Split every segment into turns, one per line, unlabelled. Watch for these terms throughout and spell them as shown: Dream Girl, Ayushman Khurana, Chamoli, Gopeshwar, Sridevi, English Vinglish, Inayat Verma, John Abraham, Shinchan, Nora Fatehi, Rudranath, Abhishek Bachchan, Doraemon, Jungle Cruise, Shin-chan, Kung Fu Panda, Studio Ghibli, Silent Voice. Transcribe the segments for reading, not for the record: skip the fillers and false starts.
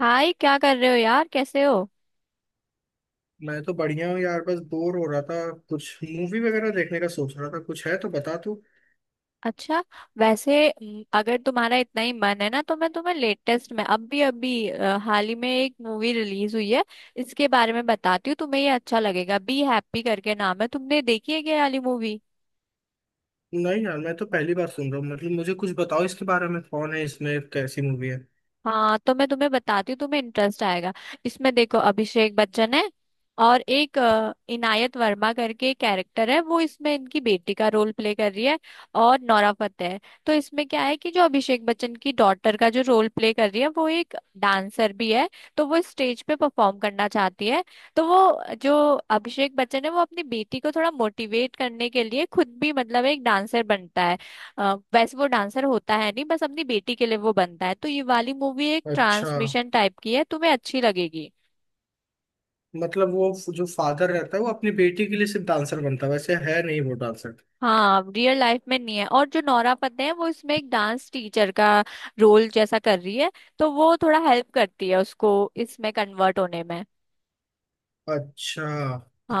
हाय! क्या कर रहे हो यार? कैसे हो?
मैं तो बढ़िया हूँ यार बस बोर हो रहा था। कुछ मूवी वगैरह देखने का सोच रहा था कुछ है तो बता तू।
अच्छा। वैसे अगर तुम्हारा इतना ही मन है ना, तो मैं तुम्हें लेटेस्ट में अभी अभी हाल ही में एक मूवी रिलीज हुई है, इसके बारे में बताती हूँ तुम्हें। ये अच्छा लगेगा। बी हैप्पी करके नाम है। तुमने देखी है क्या ये वाली मूवी?
नहीं यार मैं तो पहली बार सुन रहा हूँ मतलब मुझे कुछ बताओ इसके बारे में कौन है इसमें कैसी मूवी है।
हाँ तो मैं तुम्हें बताती हूँ, तुम्हें इंटरेस्ट आएगा। इसमें देखो, अभिषेक बच्चन है। और एक इनायत वर्मा करके कैरेक्टर है, वो इसमें इनकी बेटी का रोल प्ले कर रही है। और नोरा फतेही है। तो इसमें क्या है कि जो अभिषेक बच्चन की डॉटर का जो रोल प्ले कर रही है, वो एक डांसर भी है। तो वो स्टेज पे परफॉर्म करना चाहती है। तो वो जो अभिषेक बच्चन है, वो अपनी बेटी को थोड़ा मोटिवेट करने के लिए खुद भी मतलब एक डांसर बनता है। वैसे वो डांसर होता है नहीं, बस अपनी बेटी के लिए वो बनता है। तो ये वाली मूवी एक
अच्छा।
ट्रांसमिशन टाइप की है, तुम्हें अच्छी लगेगी।
मतलब वो जो फादर रहता है वो अपनी बेटी के लिए सिर्फ डांसर बनता है वैसे है नहीं वो डांसर।
हाँ, रियल लाइफ में नहीं है। और जो नोरा फतेही है वो इसमें एक डांस टीचर का रोल जैसा कर रही है। तो वो थोड़ा हेल्प करती है उसको, इसमें कन्वर्ट होने में।
अच्छा।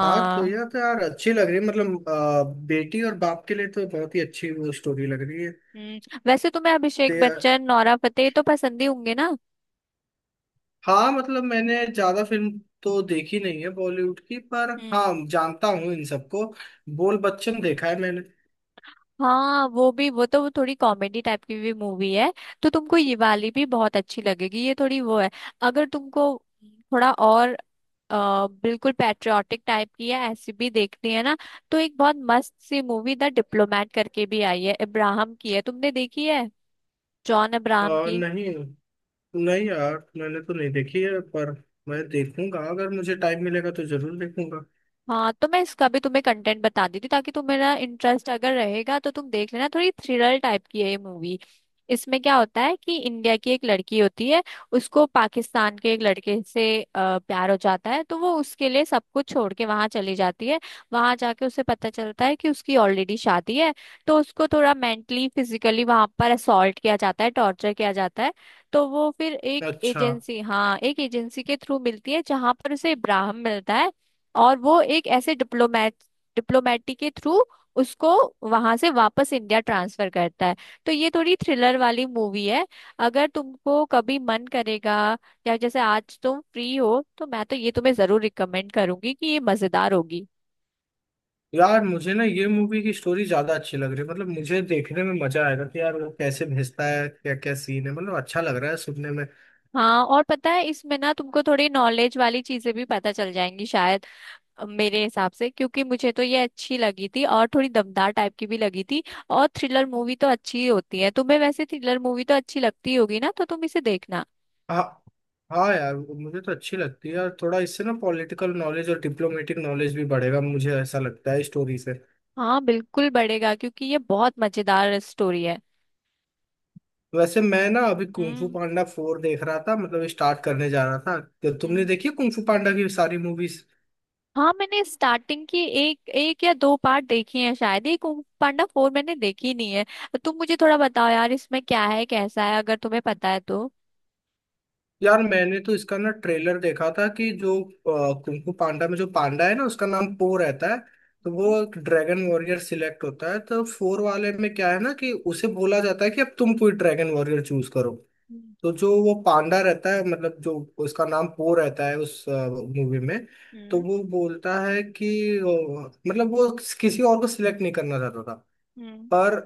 हाँ तो यह तो यार अच्छी लग रही है मतलब बेटी और बाप के लिए तो बहुत ही अच्छी वो स्टोरी लग रही
वैसे तुम्हें अभिषेक
है।
बच्चन नोरा फतेही तो पसंद ही होंगे ना?
हाँ मतलब मैंने ज्यादा फिल्म तो देखी नहीं है बॉलीवुड की पर
हम्म।
हाँ जानता हूँ इन सबको। बोल बच्चन देखा है मैंने।
हाँ, वो भी। वो थोड़ी कॉमेडी टाइप की भी मूवी है। तो तुमको ये वाली भी बहुत अच्छी लगेगी। ये थोड़ी वो है। अगर तुमको थोड़ा और बिल्कुल पैट्रियाटिक टाइप की है, ऐसी भी देखनी है ना? तो एक बहुत मस्त सी मूवी द डिप्लोमेट करके भी आई है, इब्राहम की है। तुमने देखी है? जॉन अब्राहम की।
नहीं। नहीं यार मैंने तो नहीं देखी है पर मैं देखूंगा अगर मुझे टाइम मिलेगा तो जरूर देखूंगा।
हाँ तो मैं इसका भी तुम्हें कंटेंट बता देती हूँ, ताकि तुम्हारा इंटरेस्ट अगर रहेगा तो तुम देख लेना। थोड़ी थ्रिलर टाइप की है ये मूवी। इसमें क्या होता है कि इंडिया की एक लड़की होती है। उसको पाकिस्तान के एक लड़के से प्यार हो जाता है, तो वो उसके लिए सब कुछ छोड़ के वहां चली जाती है। वहां जाके उसे पता चलता है कि उसकी ऑलरेडी शादी है। तो उसको थोड़ा मेंटली फिजिकली वहां पर असॉल्ट किया जाता है, टॉर्चर किया जाता है। तो वो फिर एक
अच्छा।
एजेंसी, हाँ, एक एजेंसी के थ्रू मिलती है जहां पर उसे इब्राहिम मिलता है। और वो एक ऐसे डिप्लोमेटिक के थ्रू उसको वहां से वापस इंडिया ट्रांसफर करता है। तो ये थोड़ी थ्रिलर वाली मूवी है। अगर तुमको कभी मन करेगा, या जैसे आज तुम फ्री हो, तो मैं तो ये तुम्हें जरूर रिकमेंड करूंगी कि ये मजेदार होगी।
यार मुझे ना ये मूवी की स्टोरी ज्यादा अच्छी लग रही है मतलब मुझे देखने में मजा आएगा कि यार वो कैसे भेजता है क्या क्या सीन है मतलब अच्छा लग रहा है सुनने में।
हाँ, और पता है इसमें ना तुमको थोड़ी नॉलेज वाली चीजें भी पता चल जाएंगी शायद, मेरे हिसाब से। क्योंकि मुझे तो ये अच्छी लगी थी, और थोड़ी दमदार टाइप की भी लगी थी। और थ्रिलर मूवी तो अच्छी ही होती है। तुम्हें वैसे थ्रिलर मूवी तो अच्छी लगती होगी ना, तो तुम इसे देखना।
हाँ। हाँ यार मुझे तो अच्छी लगती है और थोड़ा इससे ना पॉलिटिकल नॉलेज और डिप्लोमेटिक नॉलेज भी बढ़ेगा मुझे ऐसा लगता है स्टोरी से।
हाँ, बिल्कुल बढ़ेगा क्योंकि ये बहुत मजेदार स्टोरी है।
वैसे मैं ना अभी कुंफू
हम्म।
पांडा फोर देख रहा था मतलब स्टार्ट करने जा रहा था तो तुमने
हम्म।
देखी कुंफू पांडा की सारी मूवीज?
हाँ, मैंने स्टार्टिंग की एक एक या दो पार्ट देखी हैं शायद एक। कुंग फू पांडा फोर मैंने देखी नहीं है। तुम मुझे थोड़ा बताओ यार, इसमें क्या है कैसा है अगर तुम्हें पता है तो।
यार मैंने तो इसका ना ट्रेलर देखा था कि जो कुंफू पांडा में जो पांडा है ना उसका नाम पो रहता है। तो
हम्म।
वो एक ड्रैगन वॉरियर सिलेक्ट होता है तो फोर वाले में क्या है ना कि उसे बोला जाता है कि अब तुम कोई ड्रैगन वॉरियर चूज करो।
हम्म।
तो जो वो पांडा रहता है मतलब जो उसका नाम पो रहता है उस मूवी में। तो
हम्म।
वो बोलता है कि मतलब वो किसी और को सिलेक्ट नहीं करना चाहता था।
हम्म।
पर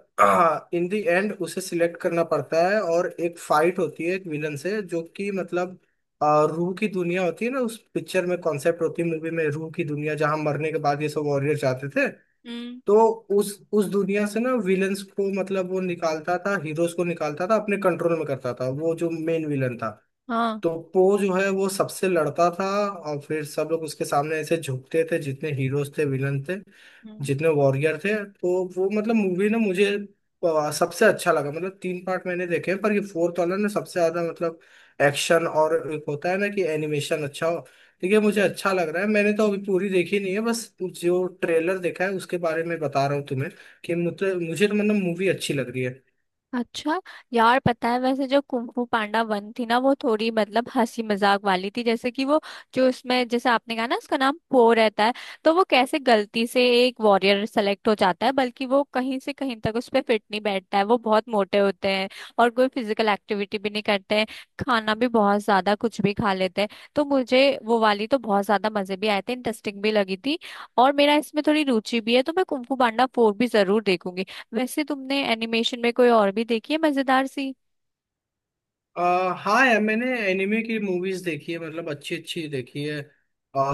इन द एंड उसे सिलेक्ट करना पड़ता है और एक फाइट होती है एक विलन से जो कि मतलब अ, रूह की दुनिया होती है ना उस पिक्चर में कॉन्सेप्ट होती है मूवी में रूह की दुनिया जहां मरने के बाद ये सब वॉरियर जाते थे।
हम्म,
तो उस उस दुनिया से ना विलन्स को मतलब वो निकालता था हीरोज को निकालता था अपने कंट्रोल में करता था वो जो मेन विलन था।
हाँ।
तो पो जो है वो सबसे लड़ता था और फिर सब लोग उसके सामने ऐसे झुकते थे जितने हीरोज थे विलन थे
हम्म।
जितने वॉरियर थे। तो वो मतलब मूवी ना मुझे सबसे अच्छा लगा मतलब 3 पार्ट मैंने देखे हैं पर ये फोर्थ वाला ना सबसे ज्यादा मतलब एक्शन और एक होता है ना कि एनिमेशन अच्छा हो। देखिए मुझे अच्छा लग रहा है मैंने तो अभी पूरी देखी नहीं है बस जो ट्रेलर देखा है उसके बारे में बता रहा हूँ तुम्हें कि मुझे मुझे तो मतलब मूवी अच्छी लग रही है।
अच्छा। यार पता है वैसे जो कुंफू पांडा वन थी ना, वो थोड़ी मतलब हंसी मजाक वाली थी। जैसे कि वो, जो उसमें जैसे आपने कहा ना, उसका नाम पो रहता है। तो वो कैसे गलती से एक वॉरियर सेलेक्ट हो जाता है, बल्कि वो कहीं से कहीं तक उस पर फिट नहीं बैठता है, वो बहुत मोटे होते हैं। और कोई फिजिकल एक्टिविटी भी नहीं करते हैं। खाना भी बहुत ज्यादा कुछ भी खा लेते हैं। तो मुझे वो वाली तो बहुत ज्यादा मजे भी आए थे, इंटरेस्टिंग भी लगी थी। और मेरा इसमें थोड़ी रुचि भी है, तो मैं कुंफू पांडा फोर भी जरूर देखूंगी। वैसे तुमने एनिमेशन में कोई और भी देखी है मजेदार सी?
हाँ यार मैंने एनिमे की मूवीज देखी है मतलब अच्छी अच्छी देखी है।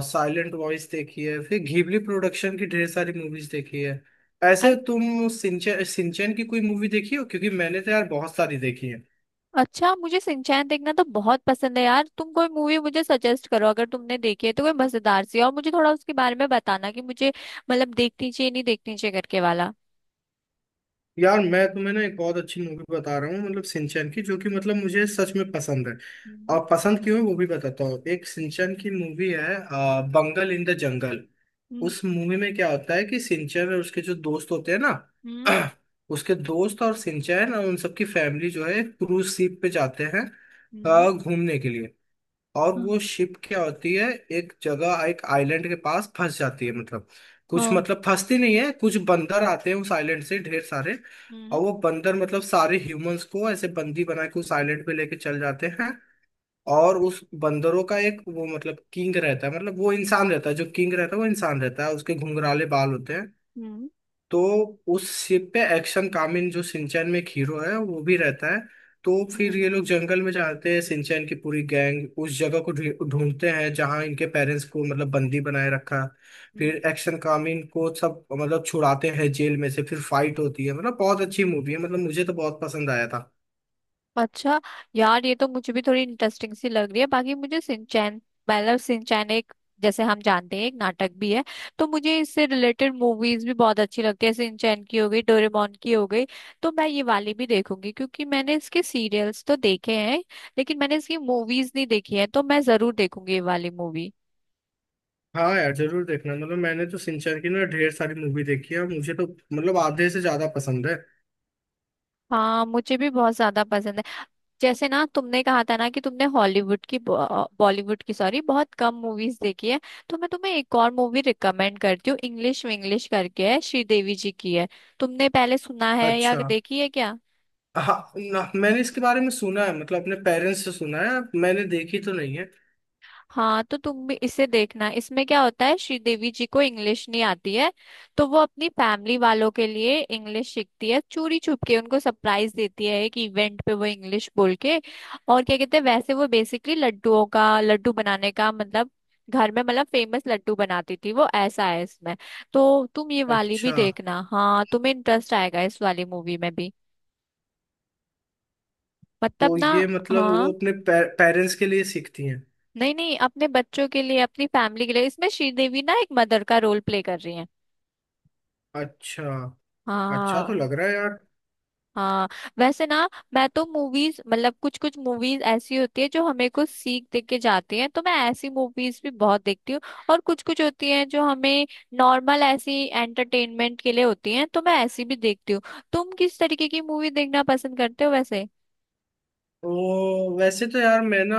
साइलेंट वॉइस देखी है फिर घिबली प्रोडक्शन की ढेर सारी मूवीज देखी है।
अ-
ऐसे तुम सिंचन सिंचन की कोई मूवी देखी हो क्योंकि मैंने तो यार बहुत सारी देखी है।
अच्छा, मुझे सिंचैन देखना तो बहुत पसंद है यार। तुम कोई मूवी मुझे सजेस्ट करो अगर तुमने देखी है तो, कोई मजेदार सी। और मुझे थोड़ा उसके बारे में बताना कि मुझे मतलब देखनी चाहिए नहीं देखनी चाहिए करके वाला।
यार मैं तुम्हें ना एक बहुत अच्छी मूवी बता रहा हूँ मतलब सिंचन की जो कि मतलब मुझे सच में पसंद है।
हम्म।
और पसंद क्यों है वो भी बताता हूँ एक सिंचन की मूवी है बंगल इन द जंगल।
हम्म।
उस मूवी में क्या होता है कि सिंचन और उसके जो दोस्त होते हैं ना
हम्म।
उसके दोस्त और सिंचन और उन सबकी फैमिली जो है क्रूज शिप पे जाते हैं
हम्म।
घूमने के लिए। और
हाँ।
वो शिप क्या होती है एक जगह एक आइलैंड के पास फंस जाती है मतलब कुछ
हाँ।
मतलब फंसती नहीं है कुछ बंदर आते हैं उस आइलैंड से ढेर सारे।
हम्म।
और वो बंदर मतलब सारे ह्यूमंस को ऐसे बंदी बना के उस आइलैंड पे लेके चल जाते हैं। और उस बंदरों का एक वो मतलब किंग रहता है मतलब वो इंसान रहता है जो किंग रहता है वो इंसान रहता है उसके घुंघराले बाल होते हैं।
हम्म।
तो उस शिप पे एक्शन कामिन जो सिंचैन में एक हीरो है वो भी रहता है। तो फिर
हम्म,
ये लोग जंगल में जाते हैं सिंचैन की पूरी गैंग उस जगह को ढूंढते हैं जहां इनके पेरेंट्स को मतलब बंदी बनाए रखा।
हम्म।
फिर एक्शन कामिन को सब मतलब छुड़ाते हैं जेल में से फिर फाइट होती है मतलब बहुत अच्छी मूवी है मतलब मुझे तो बहुत पसंद आया था।
अच्छा। यार ये तो मुझे भी थोड़ी इंटरेस्टिंग सी लग रही है। बाकी मुझे सिंचैन मतलब सिंचैन एक, जैसे हम जानते हैं, एक नाटक भी है। तो मुझे इससे रिलेटेड मूवीज भी बहुत अच्छी लगती है। सिंचैन की हो गई, डोरेमोन की हो गई। तो मैं ये वाली भी देखूंगी क्योंकि मैंने इसके सीरियल्स तो देखे हैं, लेकिन मैंने इसकी मूवीज नहीं देखी है। तो मैं जरूर देखूंगी ये वाली मूवी।
हाँ यार जरूर देखना मतलब मैंने तो सिंचर की ना ढेर सारी मूवी देखी है और मुझे तो मतलब आधे से ज्यादा पसंद है।
हाँ, मुझे भी बहुत ज्यादा पसंद है। जैसे ना तुमने कहा था ना कि तुमने हॉलीवुड की बॉलीवुड की, सॉरी, बहुत कम मूवीज देखी है। तो मैं तुम्हें एक और मूवी रिकमेंड करती हूँ। इंग्लिश विंग्लिश करके है, श्रीदेवी जी की है। तुमने पहले सुना है या
अच्छा।
देखी है क्या?
हाँ ना, मैंने इसके बारे में सुना है मतलब अपने पेरेंट्स से सुना है मैंने देखी तो नहीं है।
हाँ, तो तुम भी इसे देखना। इसमें क्या होता है, श्रीदेवी जी को इंग्लिश नहीं आती है। तो वो अपनी फैमिली वालों के लिए इंग्लिश सीखती है, चोरी छुप के उनको सरप्राइज देती है एक इवेंट पे वो इंग्लिश बोल के। और क्या कहते हैं वैसे वो बेसिकली लड्डुओं का, लड्डू बनाने का मतलब, घर में मतलब फेमस लड्डू बनाती थी वो, ऐसा है इसमें। तो तुम ये वाली भी
अच्छा
देखना, हाँ। तुम्हें इंटरेस्ट आएगा इस वाली मूवी में भी। मतलब
तो
ना।
ये मतलब वो
हाँ।
अपने पेरेंट्स के लिए सीखती हैं?
नहीं नहीं, अपने बच्चों के लिए, अपनी फैमिली के लिए। इसमें श्रीदेवी ना एक मदर का रोल प्ले कर रही है।
अच्छा। अच्छा तो
हाँ।
लग रहा है यार।
हाँ, वैसे ना, मैं तो मूवीज मतलब कुछ कुछ मूवीज ऐसी होती है जो हमें कुछ सीख दे के जाती हैं, तो मैं ऐसी मूवीज भी बहुत देखती हूँ। और कुछ कुछ होती हैं जो हमें नॉर्मल ऐसी एंटरटेनमेंट के लिए होती हैं, तो मैं ऐसी भी देखती हूँ। तुम किस तरीके की मूवी देखना पसंद करते हो वैसे?
वो वैसे तो यार मैं ना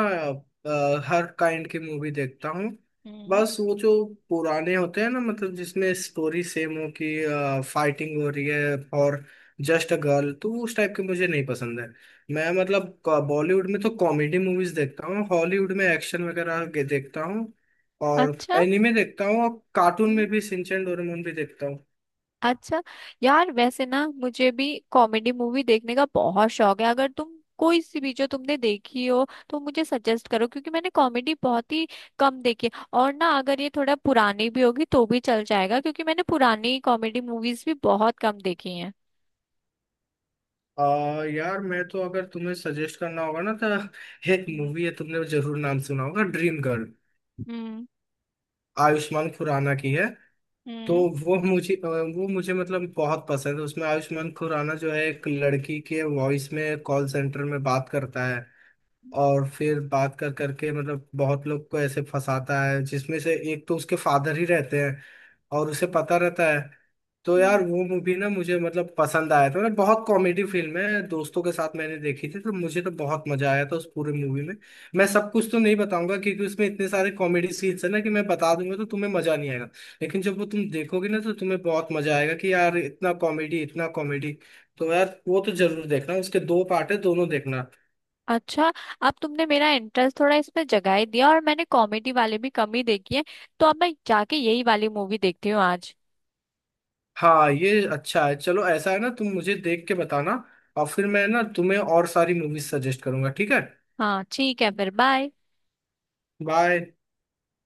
हर काइंड की मूवी देखता हूँ।
हम्म।
बस वो जो पुराने होते हैं ना मतलब जिसमें स्टोरी सेम हो कि फाइटिंग हो रही है और जस्ट अ गर्ल तो उस टाइप के मुझे नहीं पसंद है। मैं मतलब बॉलीवुड में तो कॉमेडी मूवीज देखता हूँ हॉलीवुड में एक्शन वगैरह के देखता हूँ और
अच्छा।
एनिमे देखता हूँ और कार्टून में भी सिंचन डोरेमोन भी देखता हूँ।
अच्छा। यार वैसे ना मुझे भी कॉमेडी मूवी देखने का बहुत शौक है। अगर तुम कोई सी भी जो तुमने देखी हो तो मुझे सजेस्ट करो, क्योंकि मैंने कॉमेडी बहुत ही कम देखी है। और ना, अगर ये थोड़ा पुरानी भी होगी तो भी चल जाएगा, क्योंकि मैंने पुरानी कॉमेडी मूवीज भी बहुत कम देखी हैं।
यार मैं तो अगर तुम्हें सजेस्ट करना होगा ना तो एक
हम्म।
मूवी है तुमने जरूर नाम सुना होगा ड्रीम गर्ल।
हम्म।
आयुष्मान खुराना की है। तो
हम्म।
वो मुझे अ, वो मुझे मतलब बहुत पसंद है उसमें आयुष्मान खुराना जो है एक लड़की के वॉइस में कॉल सेंटर में बात करता है। और फिर बात कर करके मतलब बहुत लोग को ऐसे फंसाता है जिसमें से एक तो उसके फादर ही रहते हैं और उसे पता रहता है। तो यार
हम्म।
वो मूवी ना मुझे मतलब पसंद आया था ना बहुत कॉमेडी फिल्म है दोस्तों के साथ मैंने देखी थी तो मुझे तो बहुत मजा आया था उस पूरे मूवी में। मैं सब कुछ तो नहीं बताऊंगा क्योंकि उसमें इतने सारे कॉमेडी सीन्स है ना कि मैं बता दूंगा तो तुम्हें मजा नहीं आएगा। लेकिन जब वो तुम देखोगे ना तो तुम्हें बहुत मजा आएगा कि यार इतना कॉमेडी इतना कॉमेडी। तो यार वो तो जरूर देखना उसके 2 पार्ट है दोनों देखना।
अच्छा। अब तुमने मेरा इंटरेस्ट थोड़ा इसमें जगा ही दिया, और मैंने कॉमेडी वाले भी कम ही देखी है। तो अब मैं जाके यही वाली मूवी देखती हूँ आज।
हाँ ये अच्छा है चलो ऐसा है ना तुम मुझे देख के बताना। और फिर मैं ना तुम्हें और सारी मूवीज सजेस्ट करूंगा ठीक है?
हाँ ठीक है, फिर बाय।
बाय।